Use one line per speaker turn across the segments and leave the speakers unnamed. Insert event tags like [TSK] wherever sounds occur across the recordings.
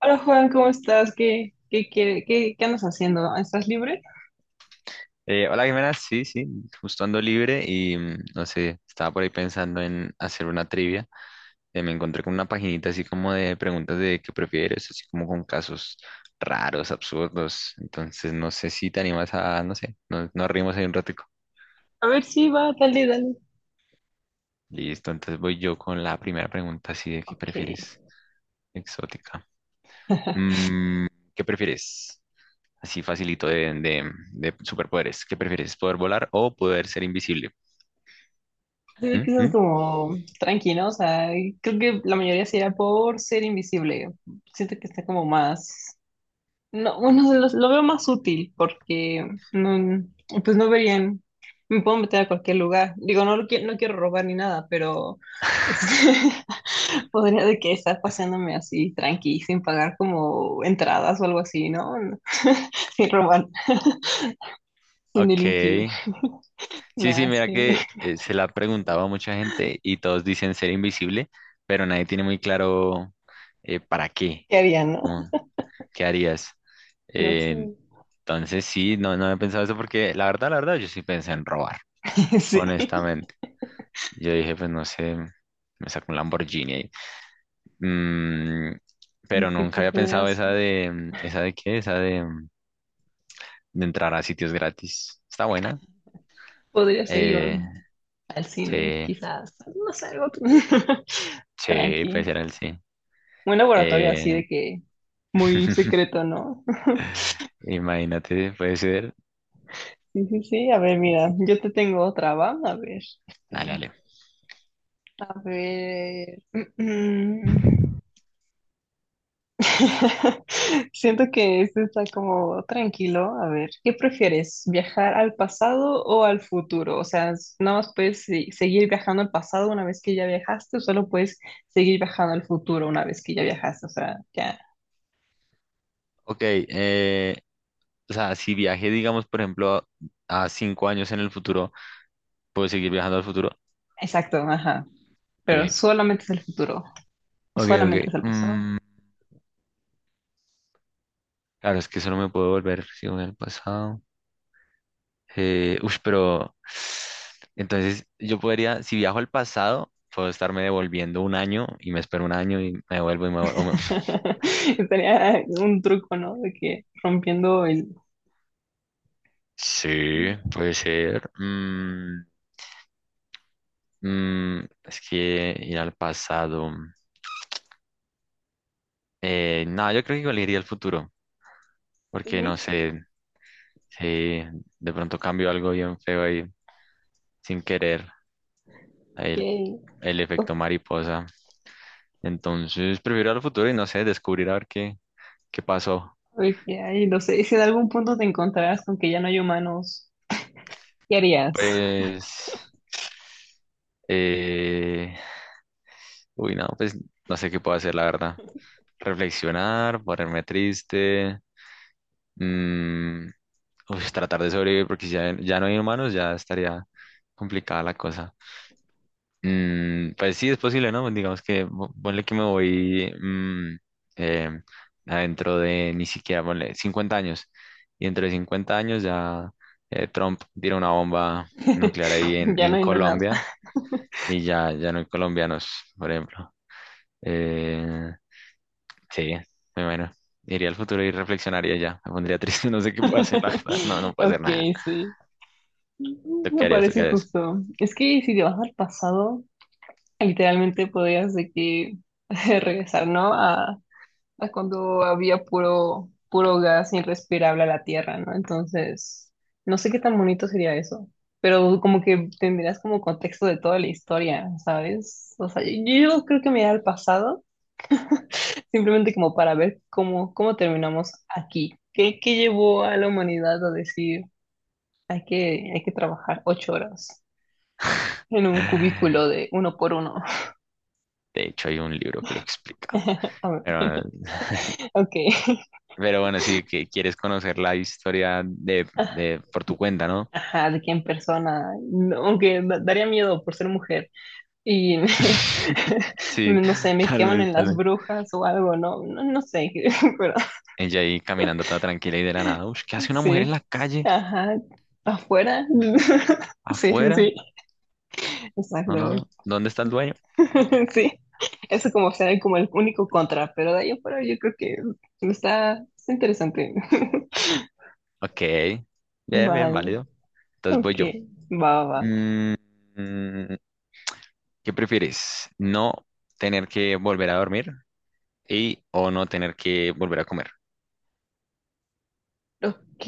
Hola, Juan, ¿cómo estás? ¿Qué andas haciendo? ¿Estás libre?
Hola Jimena, sí, sí, justo ando libre y no sé, estaba por ahí pensando en hacer una trivia. Me encontré con una paginita así como de preguntas de qué prefieres, así como con casos raros, absurdos. Entonces no sé si te animas a, no sé, no, nos rimos ahí un ratico.
A ver, sí, va, dale, dale.
Listo, entonces voy yo con la primera pregunta así de qué
Ok.
prefieres, exótica.
[LAUGHS]
Mm, ¿Qué prefieres? Así facilito de superpoderes. ¿Qué prefieres? ¿Poder volar o poder ser invisible?
Se ve
¿Mm?
que estás
¿Mm?
como tranquilo, o sea, creo que la mayoría sería por ser invisible. Siento que está como más. No, bueno, lo veo más útil porque no, pues no verían, me puedo meter a cualquier lugar. Digo, no, no quiero robar ni nada, pero este, [LAUGHS] podría de que estar paseándome así tranqui, sin pagar como entradas o algo así, ¿no? [LAUGHS] Sin robar, sin
Ok.
delinquir,
Sí, sí,
nada,
mira
sí.
que se la ha preguntado a mucha gente y todos dicen ser invisible, pero nadie tiene muy claro para qué,
¿Qué harían, no?
como, qué harías.
No sé.
Eh, entonces sí, no, no he pensado eso porque la verdad, yo sí pensé en robar,
[LAUGHS] Sí,
honestamente. Yo dije, pues no sé, me saco un Lamborghini ahí. Mm, pero
sí
nunca
que
había pensado
podrías,
esa de, ¿esa de qué? Esa de, de entrar a sitios gratis. Está buena.
podría ser igual
Eh,
al cine,
sí,
quizás, no sé, algo [LAUGHS]
sí, puede
tranqui.
ser el sí.
Un laboratorio así
Eh,
de que muy
[LAUGHS]
secreto, ¿no? [LAUGHS]
Imagínate, puede ser.
Sí, sí, sí. A ver, mira, yo te tengo otra, ¿va? A ver,
Dale, dale.
a ver. mm, mm. [LAUGHS] Siento que este está como tranquilo. A ver, ¿qué prefieres? ¿Viajar al pasado o al futuro? O sea, nada más puedes seguir viajando al pasado una vez que ya viajaste, o solo puedes seguir viajando al futuro una vez que ya viajaste. O sea, ya.
Ok, o sea, si viaje, digamos, por ejemplo, a cinco años en el futuro, ¿puedo seguir viajando al futuro?
Exacto, ajá. Pero
Ok,
solamente es el futuro,
ok, ok.
solamente es el pasado.
Claro, es que solo me puedo volver si voy al pasado. Pero entonces yo podría, si viajo al pasado, puedo estarme devolviendo un año y me espero un año y me vuelvo y me vuelvo. [LAUGHS]
[LAUGHS] Estaría un truco, ¿no? De que rompiendo el...
Sí, puede ser. Es que ir al pasado. No, yo creo que igual iría al futuro,
¿Sí?
porque no sé si de pronto cambio algo bien feo ahí sin querer, ahí
Que,
el efecto mariposa. Entonces prefiero ir al futuro y no sé, descubrir a ver qué, qué pasó.
que hay, no sé, si en algún punto te encontrarás con que ya no hay humanos, ¿qué harías?
Pues, eh, uy, no, pues no sé qué puedo hacer, la verdad. Reflexionar, ponerme triste, mm, uy, tratar de sobrevivir, porque si ya, ya no hay humanos, ya estaría complicada la cosa. Pues sí, es posible, ¿no? Digamos que po- ponle que me voy eh, adentro de ni siquiera, ponle 50 años. Y dentro de 50 años ya Trump tira una bomba nuclear ahí
[LAUGHS] Ya no
en
hay no nada.
Colombia y ya, ya no hay colombianos, por ejemplo. Eh, sí, muy bueno. Iría al futuro y reflexionaría ya. Me pondría triste, [LAUGHS] no sé qué puedo hacer, la
[LAUGHS]
verdad. No, no puedo hacer
Ok,
nada.
sí.
¿Tú qué
Me
harías? ¿Tú qué
parece
harías?
justo. Es que si te vas al pasado, literalmente podrías de que [LAUGHS] regresar, ¿no? A cuando había puro, puro gas irrespirable a la tierra, ¿no? Entonces, no sé qué tan bonito sería eso, pero como que tendrías como contexto de toda la historia, ¿sabes? O sea, yo creo que me iría al pasado, simplemente como para ver cómo, cómo terminamos aquí. ¿Qué, qué llevó a la humanidad a decir, hay que trabajar 8 horas en un cubículo de uno por uno?
De hecho, hay un libro que lo explica.
[LAUGHS] A ver,
Pero bueno,
ok.
pero bueno, sí, que quieres conocer la historia de por tu
[LAUGHS]
cuenta, ¿no?
Ajá, de que en persona, no, aunque daría miedo por ser mujer, y me-
[LAUGHS]
[LAUGHS]
Sí,
no sé, me
tal
queman
vez,
en
tal
las
vez.
brujas o algo, no, no, no sé, [LAUGHS] pero
Ella ahí caminando toda tranquila y de la nada. Ush, ¿qué hace una mujer
sí,
en la calle?
ajá, afuera, [LAUGHS] sí, sí,
¿Afuera?
sí,
No, no,
exacto,
no. ¿Dónde está el dueño?
[LAUGHS] sí, eso como será como el único contra, pero de ahí afuera yo creo que está, está interesante, [LAUGHS]
Ok. Bien, bien,
vale,
válido. Entonces voy
ok,
yo.
va, va, va.
Mm, mm, ¿Qué prefieres? ¿No tener que volver a dormir y o no tener que volver a comer?
Ok,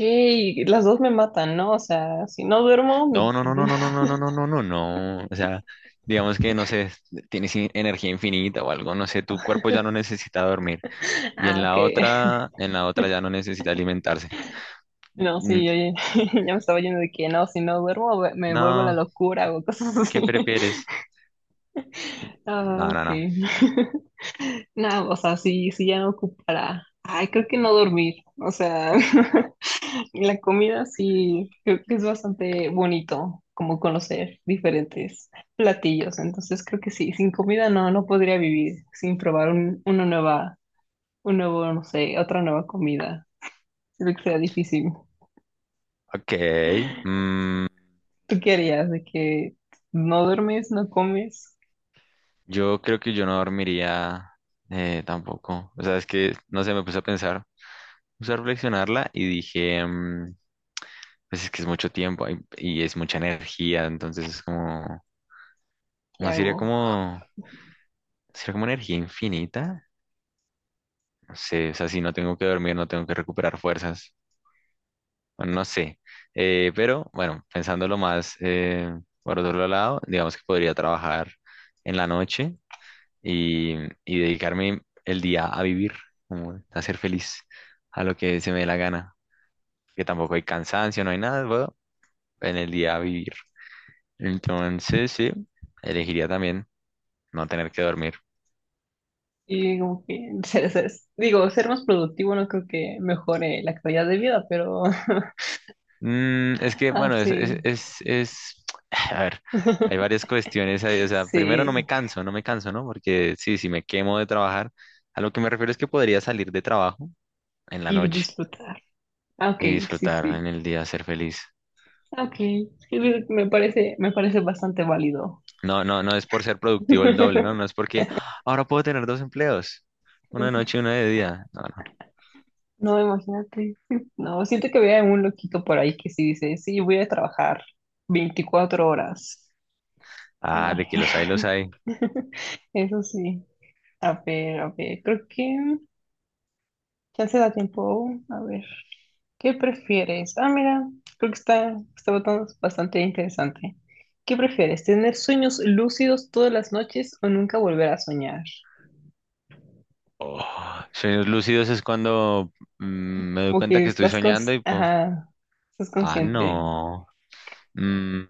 las dos me matan, ¿no? O sea, si no duermo,
No, no, no, no, no, no, no, no, no,
[LAUGHS]
no, no, no. O sea, digamos que, no sé, tienes in- energía infinita o algo, no sé, tu cuerpo ya no necesita dormir. Y
ah, ok.
en la otra ya no necesita alimentarse.
No, sí,
Mm,
yo ya, [LAUGHS] ya me estaba yendo de que no, si no duermo me vuelvo la
No,
locura o cosas así.
¿qué
[LAUGHS]
prefieres? No,
Ah,
no,
ok.
no.
[LAUGHS] No, o sea, sí, sí ya no ocupará. Ay, creo que no dormir. O sea, [LAUGHS] la comida sí, creo que es bastante bonito como conocer diferentes platillos. Entonces creo que sí, sin comida no, no podría vivir, sin probar una nueva, un nuevo, no sé, otra nueva comida. Creo que sea difícil.
Ok. mm,
¿Tú qué harías de que no duermes, no comes?
yo creo que yo no dormiría tampoco. O sea, es que, no sé, me puse a pensar, puse a reflexionarla y dije, pues es que es mucho tiempo y es mucha energía, entonces es como,
¿Qué
no sería
hago?
como... Será como energía infinita. No sé, o sea, si no tengo que dormir, no tengo que recuperar fuerzas. Bueno, no sé. Pero bueno, pensándolo más por otro lado, digamos que podría trabajar en la noche y, y dedicarme el día a vivir, como a ser feliz, a lo que se me dé la gana. Que tampoco hay cansancio, no hay nada, bueno, en el día a vivir. Entonces, sí, elegiría también no tener que dormir.
Y como que [LAUGHS] digo, ser más productivo no creo que mejore la calidad de vida, pero [LAUGHS]
Es que, bueno, es, es,
así,
es, es- [TSK] a ver, hay
[LAUGHS]
varias cuestiones ahí, o sea, primero no
sí,
me canso, no me canso, ¿no? Porque sí, si me quemo de trabajar, a lo que me refiero es que podría salir de trabajo en la
y
noche
disfrutar. Ah, ok,
y
sí,
disfrutar
sí.
en el día, ser feliz.
Ah, ok, sí, me parece bastante válido.
No, no, no es por ser productivo el doble, ¿no?
[LAUGHS]
No es porque "Ah, ahora puedo tener dos empleos, uno de noche y uno de día. No, no.
No, imagínate. No, siento que vea un loquito por ahí que sí dice, sí, voy a trabajar 24 horas.
Ah, de que los hay,
Ay,
los hay.
[LAUGHS] eso sí. A ver, creo que ya se da tiempo. A ver, ¿qué prefieres? Ah, mira, creo que está, está botando bastante interesante. ¿Qué prefieres? ¿Tener sueños lúcidos todas las noches o nunca volver a soñar?
Oh, sueños lúcidos es cuando me doy
Como
cuenta
que
que estoy
estás con...
soñando y pues,
Ajá, estás
ah,
consciente.
no. Mm,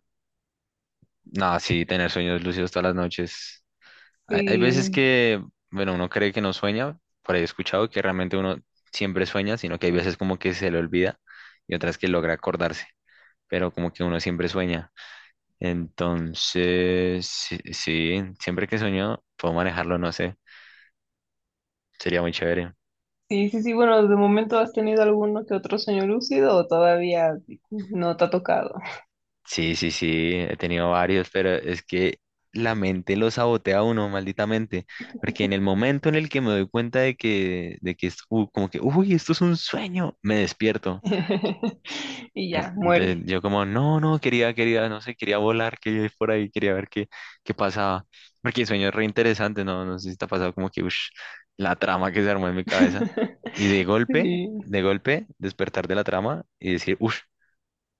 No, sí, tener sueños lúcidos todas las noches. Hay veces
Sí,
que, bueno, uno cree que no sueña, por ahí he escuchado que realmente uno siempre sueña, sino que hay veces como que se le olvida y otras que logra acordarse, pero como que uno siempre sueña. Entonces, sí, sí, siempre que sueño, puedo manejarlo, no sé, sería muy chévere.
sí, sí, sí. Bueno, de momento has tenido alguno que otro sueño lúcido o todavía no te ha tocado.
Sí, sí, sí, he tenido varios, pero es que la mente lo sabotea a uno, malditamente, porque en el momento en el que me doy cuenta de que es como que, uy, esto es un sueño, me despierto.
[LAUGHS] Y ya,
En- Entonces
muere.
yo como, no, no, quería, quería, no sé, quería volar, quería ir por ahí, quería ver qué, qué pasaba, porque el sueño es re interesante, no, no sé si te ha pasado como que, ush, la trama que se armó en mi cabeza, y
[LAUGHS] Sí,
de golpe, despertar de la trama y decir, uff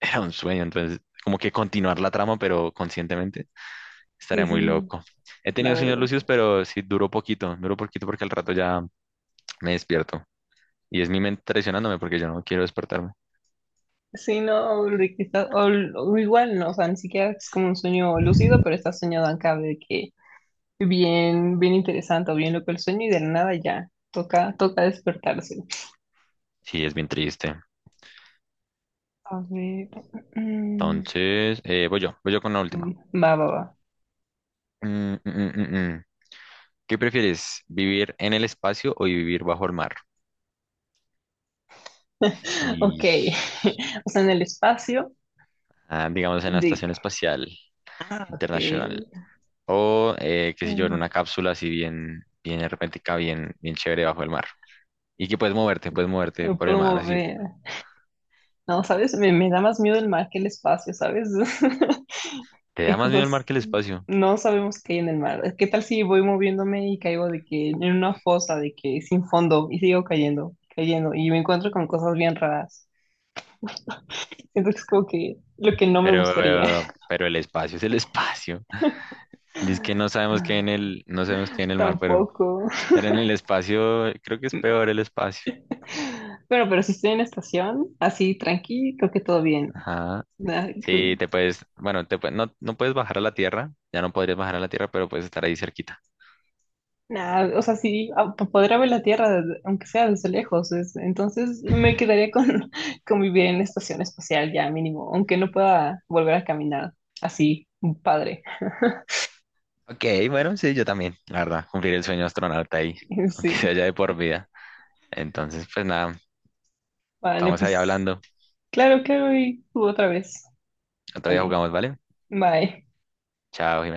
era un sueño, entonces como que continuar la trama, pero conscientemente, estaría
sí, sí,
muy
sí,
loco. He
la
tenido sueños
verdad.
lúcidos, pero sí duró poquito porque al rato ya me despierto. Y es mi mente traicionándome porque yo no quiero despertarme.
Sí, no, Ulrich, está- o igual no, o sea, ni siquiera es como un sueño lúcido, pero está soñado acá de que bien, bien interesante o bien loco el sueño y de la nada ya, toca, toca despertarse.
Sí, es bien triste.
A ver, mm,
Entonces, voy yo con la última.
va, va, va.
Mm, mm, mm, mm, mm. ¿Qué prefieres, vivir en el espacio o vivir bajo el mar?
[LAUGHS] Ok,
Y,
[LAUGHS] o sea, en el espacio
ah, digamos, en la
de
Estación Espacial Internacional.
que
O, qué sé yo, en
mm,
una cápsula así bien, bien hermética, bien, bien chévere bajo el mar. Y que puedes moverte
me
por el
puedo
mar, así.
mover. No, ¿sabes? Me da más miedo el mar que el espacio, ¿sabes? [LAUGHS]
Te
Y
da más miedo el mar
cosas,
que el espacio,
no sabemos qué hay en el mar. ¿Qué tal si voy moviéndome y caigo de que en una fosa, de que sin fondo y sigo cayendo, cayendo y me encuentro con cosas bien raras? Siento que es como que lo que no me gustaría.
pero el espacio es el espacio. [LAUGHS] Dice que no
[LAUGHS]
sabemos qué hay en el, no sabemos qué hay en el mar,
Tampoco.
pero en el espacio creo que es peor el espacio.
Bueno, pero si estoy en estación, así tranqui, creo que todo bien.
Ajá.
Ah,
Sí, te puedes, bueno, te pue- no, no puedes bajar a la tierra, ya no podrías bajar a la tierra, pero puedes estar ahí cerquita.
nah, o sea, sí, podría ver la Tierra, desde- aunque sea desde lejos, entonces me quedaría con [LAUGHS] con vivir en la estación espacial ya mínimo, aunque no pueda volver a caminar así, padre. [LAUGHS]
Ok, bueno, sí, yo también, la verdad, cumplir el sueño astronauta ahí, [LAUGHS] aunque sea
Sí,
ya de por vida. Entonces, pues nada,
vale,
estamos ahí
pues
hablando.
claro, claro, y tú otra vez.
Otro día
Vale,
jugamos, ¿vale?
bye.
Chao, Jimena.